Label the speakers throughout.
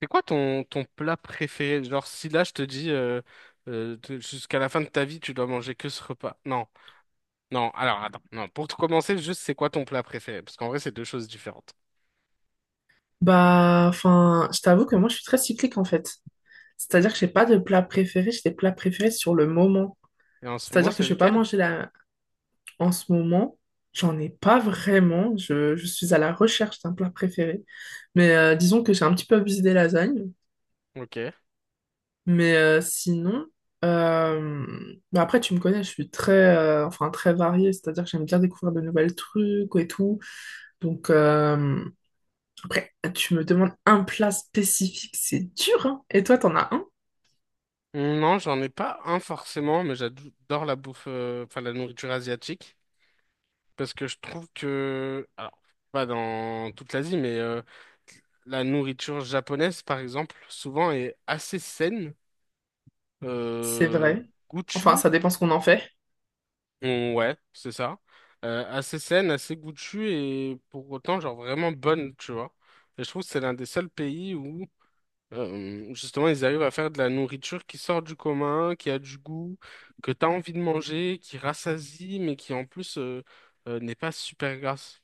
Speaker 1: C'est quoi ton plat préféré? Genre, si là je te dis jusqu'à la fin de ta vie, tu dois manger que ce repas. Non, non, alors attends, non. Pour tout commencer, juste c'est quoi ton plat préféré? Parce qu'en vrai, c'est deux choses différentes.
Speaker 2: Bah, enfin, je t'avoue que moi, je suis très cyclique en fait. C'est-à-dire que j'ai pas de plat préféré, j'ai des plats préférés sur le moment.
Speaker 1: Et en ce moment,
Speaker 2: C'est-à-dire que
Speaker 1: c'est
Speaker 2: je vais pas
Speaker 1: lequel?
Speaker 2: manger là en ce moment. J'en ai pas vraiment. Je suis à la recherche d'un plat préféré. Mais disons que j'ai un petit peu abusé des lasagnes.
Speaker 1: Ok.
Speaker 2: Mais sinon, euh, bah après, tu me connais, je suis très, enfin, très variée. C'est-à-dire que j'aime bien découvrir de nouvelles trucs et tout. Donc, après, tu me demandes un plat spécifique, c'est dur, hein. Et toi, t'en as un?
Speaker 1: Non, j'en ai pas un forcément, mais j'adore la bouffe, enfin la nourriture asiatique. Parce que je trouve que, alors, pas dans toute l'Asie, mais la nourriture japonaise, par exemple, souvent est assez saine.
Speaker 2: C'est
Speaker 1: euh,
Speaker 2: vrai. Enfin, ça dépend ce qu'on en fait.
Speaker 1: Ouais, c'est ça. Assez saine, assez goûtue et pour autant, genre vraiment bonne, tu vois. Et je trouve que c'est l'un des seuls pays où, justement, ils arrivent à faire de la nourriture qui sort du commun, qui a du goût, que t'as envie de manger, qui rassasie, mais qui en plus n'est pas super grasse.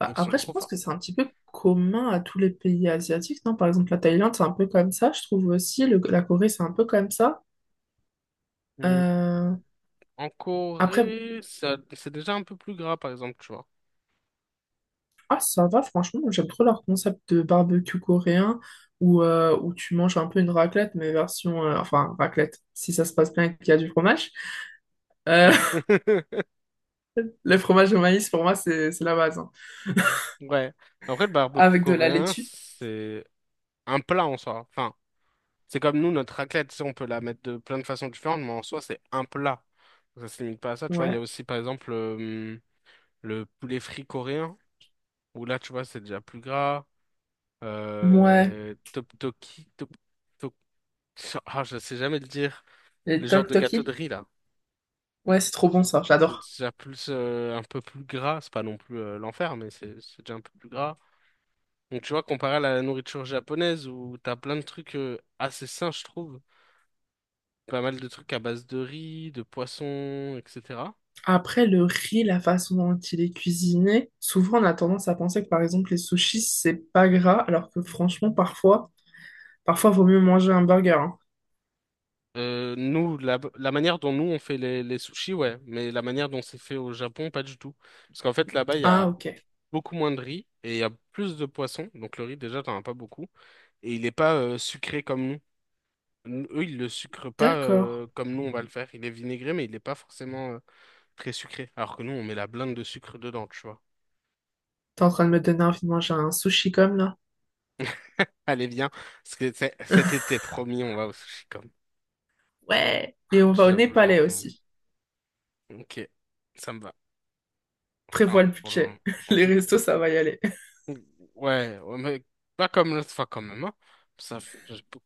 Speaker 2: Bah,
Speaker 1: Ils sont
Speaker 2: après, je
Speaker 1: trop
Speaker 2: pense
Speaker 1: forts.
Speaker 2: que c'est un petit peu commun à tous les pays asiatiques, non? Par exemple, la Thaïlande, c'est un peu comme ça, je trouve aussi. La Corée, c'est un peu comme ça.
Speaker 1: Mm.
Speaker 2: Euh,
Speaker 1: En
Speaker 2: Après,
Speaker 1: Corée, ça, c'est déjà un peu plus gras, par exemple, tu vois.
Speaker 2: ah, ça va, franchement, j'aime trop leur concept de barbecue coréen où, où tu manges un peu une raclette, mais version enfin, raclette, si ça se passe bien et qu'il y a du fromage. Euh,
Speaker 1: Ouais.
Speaker 2: le fromage au maïs, pour moi, c'est la base, hein.
Speaker 1: Ouais. Après, le barbecue
Speaker 2: Avec de la
Speaker 1: coréen,
Speaker 2: laitue.
Speaker 1: c'est un plat en soi. Enfin, c'est comme nous, notre raclette, tu sais, on peut la mettre de plein de façons différentes, mais en soi, c'est un plat. Ça se limite pas à ça, tu vois. Il y a
Speaker 2: Ouais.
Speaker 1: aussi, par exemple, le poulet frit coréen, où là, tu vois, c'est déjà plus gras.
Speaker 2: Ouais.
Speaker 1: Tteokbokki, top, ah, je sais jamais le dire.
Speaker 2: Les
Speaker 1: Le genre de gâteau
Speaker 2: tteokbokki.
Speaker 1: de riz, là.
Speaker 2: Ouais, c'est trop bon, ça.
Speaker 1: C'est
Speaker 2: J'adore.
Speaker 1: déjà plus, un peu plus gras. C'est pas non plus l'enfer, mais c'est déjà un peu plus gras. Donc, tu vois, comparé à la nourriture japonaise, où t'as plein de trucs assez sains, je trouve. Pas mal de trucs à base de riz, de poisson, etc.
Speaker 2: Après, le riz, la façon dont il est cuisiné, souvent on a tendance à penser que par exemple les sushis, c'est pas gras, alors que franchement, parfois, vaut mieux manger un burger, hein.
Speaker 1: Nous, la manière dont nous on fait les sushis, ouais, mais la manière dont c'est fait au Japon, pas du tout. Parce qu'en fait, là-bas, il y a
Speaker 2: Ah, ok,
Speaker 1: beaucoup moins de riz et il y a plus de poissons. Donc le riz, déjà, t'en as pas beaucoup. Et il est pas sucré comme nous. Eux, ils le sucrent pas
Speaker 2: d'accord.
Speaker 1: comme nous, on va le faire. Il est vinaigré, mais il n'est pas forcément très sucré. Alors que nous, on met la blinde de sucre dedans, tu vois.
Speaker 2: T'es en train de me donner envie de manger un sushi comme là.
Speaker 1: Allez, viens. Cet été, promis, on va au sushi comme.
Speaker 2: Ouais. Et on va au
Speaker 1: J'avoue, j'ai
Speaker 2: Népalais
Speaker 1: envie.
Speaker 2: aussi.
Speaker 1: Ok, ça me va.
Speaker 2: Prévois
Speaker 1: Enfin,
Speaker 2: le
Speaker 1: pour le moment.
Speaker 2: budget.
Speaker 1: En
Speaker 2: Les
Speaker 1: tout cas,
Speaker 2: restos, ça va y aller.
Speaker 1: ouais, mais pas comme l'autre fois quand même, hein. Ça, f- j'ai beau-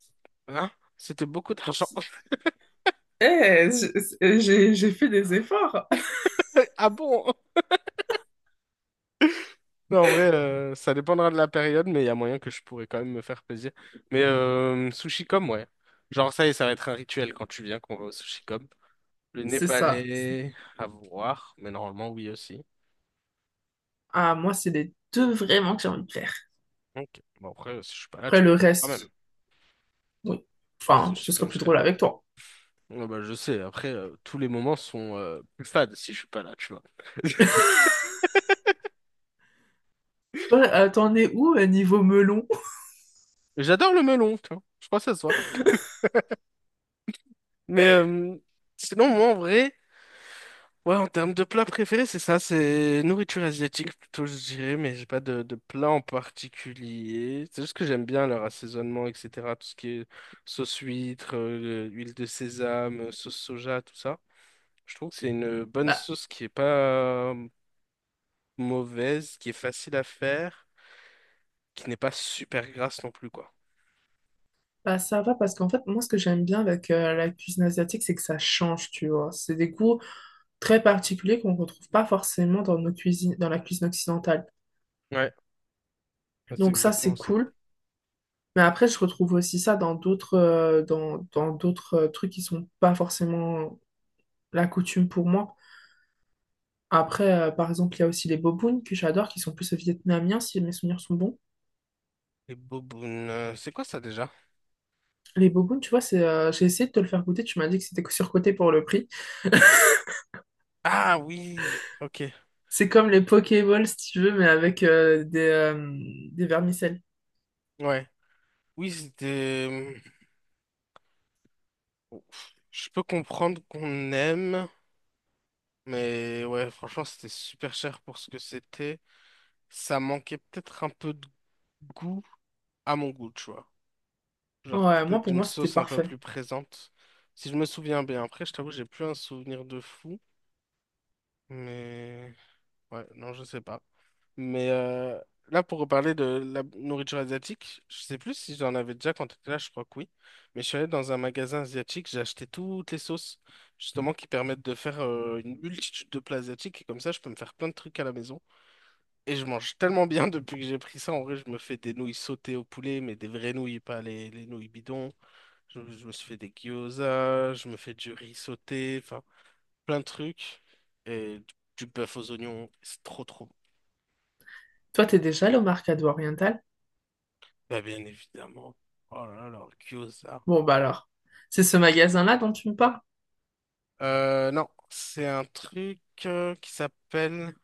Speaker 1: hein C'était beaucoup d'argent.
Speaker 2: Eh, j'ai fait des efforts.
Speaker 1: Ah bon? Non, en vrai, ça dépendra de la période, mais il y a moyen que je pourrais quand même me faire plaisir. Mais sushi comme, ouais. Genre, ça y est, ça va être un rituel quand tu viens qu'on va au sushi comme. Le
Speaker 2: C'est ça.
Speaker 1: népalais, à voir, mais normalement, oui aussi.
Speaker 2: Ah, moi, c'est les deux vraiment que j'ai envie de faire.
Speaker 1: Ok. Bon, après, si je suis pas là, tu
Speaker 2: Après,
Speaker 1: peux
Speaker 2: le
Speaker 1: le faire quand même.
Speaker 2: reste, oui.
Speaker 1: Le
Speaker 2: Enfin,
Speaker 1: sushi
Speaker 2: ce sera
Speaker 1: comme je
Speaker 2: plus
Speaker 1: serai
Speaker 2: drôle
Speaker 1: là.
Speaker 2: avec toi.
Speaker 1: Ouais, bah, je sais, après, tous les moments sont plus fades si je suis pas là, tu vois.
Speaker 2: Toi, t'en es où niveau melon?
Speaker 1: J'adore le melon, tu vois. Je crois que ça se voit. Mais euh, Sinon, moi, en vrai, ouais, en termes de plat préféré, c'est ça, c'est nourriture asiatique plutôt, je dirais, mais j'ai pas de plat en particulier. C'est juste que j'aime bien leur assaisonnement, etc. Tout ce qui est sauce huître, huile de sésame, sauce soja, tout ça. Je trouve que c'est une bonne
Speaker 2: Bah,
Speaker 1: sauce qui est pas mauvaise, qui est facile à faire, qui n'est pas super grasse non plus, quoi.
Speaker 2: bah, ça va parce qu'en fait, moi, ce que j'aime bien avec la cuisine asiatique, c'est que ça change, tu vois. C'est des goûts très particuliers qu'on ne retrouve pas forcément dans nos cuisines, dans la cuisine occidentale.
Speaker 1: Ouais, c'est
Speaker 2: Donc ça,
Speaker 1: exactement
Speaker 2: c'est
Speaker 1: ça.
Speaker 2: cool. Mais après, je retrouve aussi ça dans d'autres dans, dans d'autres trucs qui sont pas forcément la coutume pour moi. Après, par exemple, il y a aussi les bobounes que j'adore, qui sont plus vietnamiens, si mes souvenirs sont bons.
Speaker 1: Les bobounes, c'est quoi ça déjà?
Speaker 2: Les bobounes, tu vois, c'est, j'ai essayé de te le faire goûter, tu m'as dit que c'était surcoté pour le prix.
Speaker 1: Ah oui, ok,
Speaker 2: C'est comme les Pokéballs, si tu veux, mais avec des vermicelles.
Speaker 1: ouais. Oui, c'était... Je peux comprendre qu'on aime, mais ouais, franchement, c'était super cher pour ce que c'était. Ça manquait peut-être un peu de goût à mon goût, tu vois. Genre
Speaker 2: Ouais, moi,
Speaker 1: peut-être
Speaker 2: pour
Speaker 1: d'une
Speaker 2: moi, c'était
Speaker 1: sauce un peu
Speaker 2: parfait.
Speaker 1: plus présente, si je me souviens bien. Après, je t'avoue, j'ai plus un souvenir de fou, mais ouais, non, je sais pas. Mais euh, Là, pour reparler de la nourriture asiatique, je sais plus si j'en avais déjà quand tu étais là, je crois que oui. Mais je suis allé dans un magasin asiatique, j'ai acheté toutes les sauces, justement, qui permettent de faire une multitude de plats asiatiques. Et comme ça, je peux me faire plein de trucs à la maison. Et je mange tellement bien depuis que j'ai pris ça. En vrai, je me fais des nouilles sautées au poulet, mais des vraies nouilles, pas les nouilles bidons. Je me suis fait des gyoza, je me fais du riz sauté, enfin, plein de trucs. Et du bœuf aux oignons, c'est trop bon.
Speaker 2: Toi, t'es déjà allé au Mercado Oriental?
Speaker 1: Bah, bien évidemment. Oh là là, leur gyoza.
Speaker 2: Bon, bah alors. C'est ce magasin-là dont tu me parles?
Speaker 1: Non, c'est un truc qui s'appelle,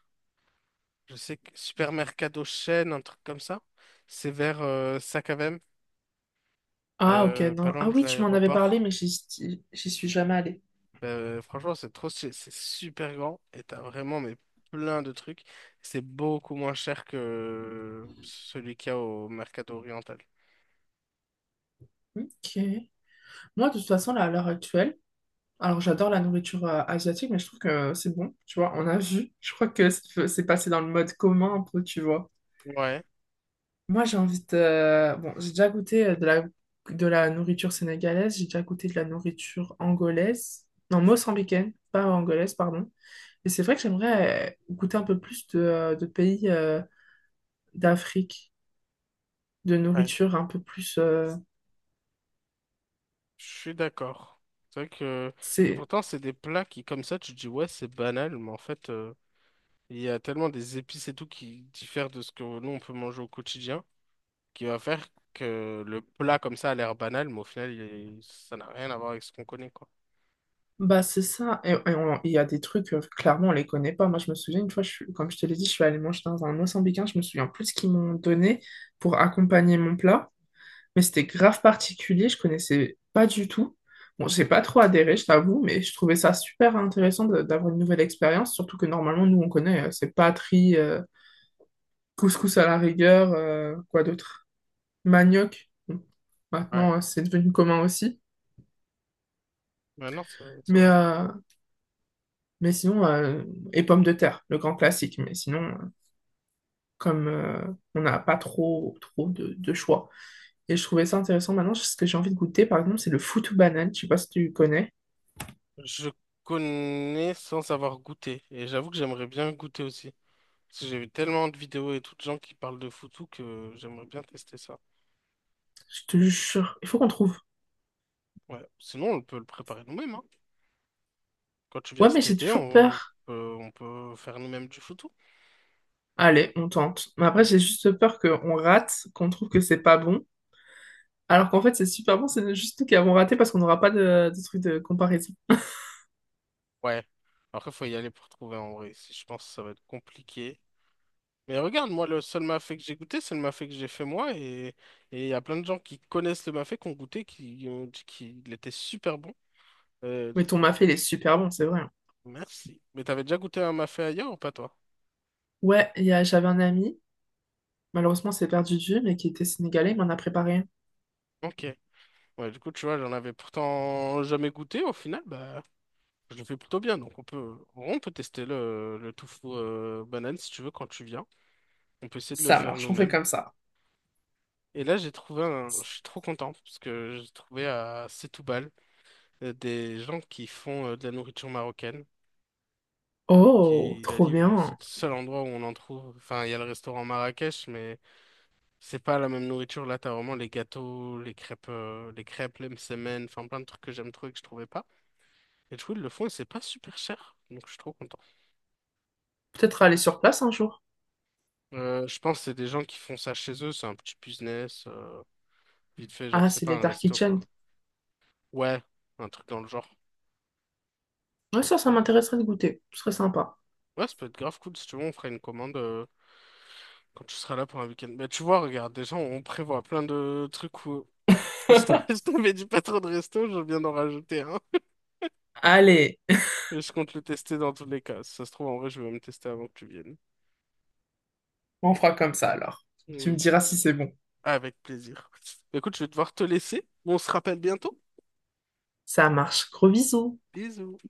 Speaker 1: Supermercado Chaîne, un truc comme ça. C'est vers Sacavem,
Speaker 2: Ah, ok,
Speaker 1: pas
Speaker 2: non.
Speaker 1: loin
Speaker 2: Ah
Speaker 1: de
Speaker 2: oui, tu m'en avais parlé,
Speaker 1: l'aéroport.
Speaker 2: mais j'y suis jamais allée.
Speaker 1: Franchement, c'est trop, c'est super grand et t'as vraiment mais, plein de trucs. C'est beaucoup moins cher que celui qu'il y a au Mercado Oriental.
Speaker 2: Ok. Moi, de toute façon, là, à l'heure actuelle, alors j'adore la nourriture asiatique, mais je trouve que c'est bon. Tu vois, on a vu. Je crois que c'est passé dans le mode commun un peu, tu vois.
Speaker 1: Ouais.
Speaker 2: Moi, j'ai envie de bon, j'ai déjà goûté de la de la nourriture sénégalaise, j'ai déjà goûté de la nourriture angolaise, non, mozambicaine, pas angolaise, pardon. Et c'est vrai que j'aimerais goûter un peu plus de pays d'Afrique, de
Speaker 1: Ouais.
Speaker 2: nourriture un peu plus
Speaker 1: Je suis d'accord. C'est vrai que... Et
Speaker 2: c'est
Speaker 1: pourtant, c'est des plats qui, comme ça, tu te dis, ouais, c'est banal, mais en fait, il y a tellement des épices et tout qui diffèrent de ce que nous, on peut manger au quotidien, qui va faire que le plat, comme ça, a l'air banal, mais au final, ça n'a rien à voir avec ce qu'on connaît, quoi.
Speaker 2: bah, c'est ça. Et il y a des trucs, clairement, on les connaît pas. Moi, je me souviens, une fois, comme je te l'ai dit, je suis allée manger dans un mozambicain, je me souviens plus ce qu'ils m'ont donné pour accompagner mon plat, mais c'était grave particulier, je connaissais pas du tout. Bon, j'ai pas trop adhéré, je t'avoue, mais je trouvais ça super intéressant d'avoir une nouvelle expérience, surtout que normalement, nous, on connaît, c'est patrie, couscous à la rigueur, quoi d'autre? Manioc. Bon,
Speaker 1: Ouais,
Speaker 2: maintenant, c'est devenu commun aussi.
Speaker 1: ouais, non, c'est
Speaker 2: Mais,
Speaker 1: vrai.
Speaker 2: euh, mais sinon, et pommes de terre, le grand classique. Mais sinon, comme on n'a pas trop de choix. Et je trouvais ça intéressant. Maintenant, ce que j'ai envie de goûter, par exemple, c'est le foutou banane. Je sais pas si tu connais.
Speaker 1: Je connais sans avoir goûté, et j'avoue que j'aimerais bien goûter aussi. Parce que j'ai vu tellement de vidéos et tout de gens qui parlent de foutu que j'aimerais bien tester ça.
Speaker 2: Je te jure, il faut qu'on trouve.
Speaker 1: Ouais. Sinon, on peut le préparer nous-mêmes, hein. Quand tu viens
Speaker 2: Ouais, mais
Speaker 1: cet
Speaker 2: j'ai
Speaker 1: été,
Speaker 2: toujours
Speaker 1: on
Speaker 2: peur.
Speaker 1: peut, on peut faire nous-mêmes du photo.
Speaker 2: Allez, on tente. Mais après,
Speaker 1: Oui.
Speaker 2: j'ai juste peur qu'on rate, qu'on trouve que c'est pas bon. Alors qu'en fait, c'est super bon, c'est juste nous qui avons raté parce qu'on n'aura pas de, de truc de comparaison.
Speaker 1: Ouais. Après, faut y aller pour trouver en vrai. Si je pense que ça va être compliqué. Mais regarde, moi, le seul mafé que j'ai goûté, c'est le mafé que j'ai fait moi. Et il y a plein de gens qui connaissent le mafé, qui ont goûté, qui ont dit qu'il était super bon. Euh,
Speaker 2: Mais ton mafé, il est super bon, c'est vrai, hein.
Speaker 1: Merci. Mais t'avais déjà goûté un mafé ailleurs ou pas, toi?
Speaker 2: Ouais, j'avais un ami, malheureusement, c'est perdu de vue, mais qui était sénégalais, il m'en a préparé un.
Speaker 1: Ok. Ouais, du coup, tu vois, j'en avais pourtant jamais goûté. Au final, bah, je le fais plutôt bien. Donc, on peut tester le tofu banane si tu veux quand tu viens. On peut essayer de le
Speaker 2: Ça
Speaker 1: faire
Speaker 2: marche, on fait
Speaker 1: nous-mêmes.
Speaker 2: comme ça.
Speaker 1: Et là, j'ai trouvé un... Je suis trop content parce que j'ai trouvé à Setoubal des gens qui font de la nourriture marocaine,
Speaker 2: Oh,
Speaker 1: qui la
Speaker 2: trop
Speaker 1: livrent, et c'est
Speaker 2: bien.
Speaker 1: le seul endroit où on en trouve. Enfin, il y a le restaurant Marrakech, mais c'est pas la même nourriture. Là, t'as vraiment les gâteaux, les crêpes, les msemen, enfin plein de trucs que j'aime trop et que je trouvais pas. Et du coup, ils le font et c'est pas super cher. Donc, je suis trop content.
Speaker 2: Peut-être aller sur place un jour.
Speaker 1: Je pense que c'est des gens qui font ça chez eux. C'est un petit business, vite fait, genre,
Speaker 2: Ah,
Speaker 1: c'est
Speaker 2: c'est
Speaker 1: pas
Speaker 2: les
Speaker 1: un
Speaker 2: Dark
Speaker 1: resto,
Speaker 2: Kitchen.
Speaker 1: quoi. Ouais, un truc dans le genre.
Speaker 2: Ouais, ça m'intéresserait de goûter. Ce serait sympa.
Speaker 1: Ouais, ça peut être grave cool si tu veux, on fera une commande quand tu seras là pour un week-end. Mais tu vois, regarde, déjà, on prévoit plein de trucs où... Je t'avais dit pas trop de resto, je viens d'en rajouter un.
Speaker 2: Allez,
Speaker 1: Mais je compte le tester dans tous les cas. Si ça se trouve, en vrai, je vais me tester avant que tu viennes.
Speaker 2: on fera comme ça alors. Tu me diras
Speaker 1: Vas-y.
Speaker 2: si c'est bon.
Speaker 1: Avec plaisir. Écoute, je vais devoir te laisser. On se rappelle bientôt.
Speaker 2: Ça marche. Gros bisous.
Speaker 1: Bisous.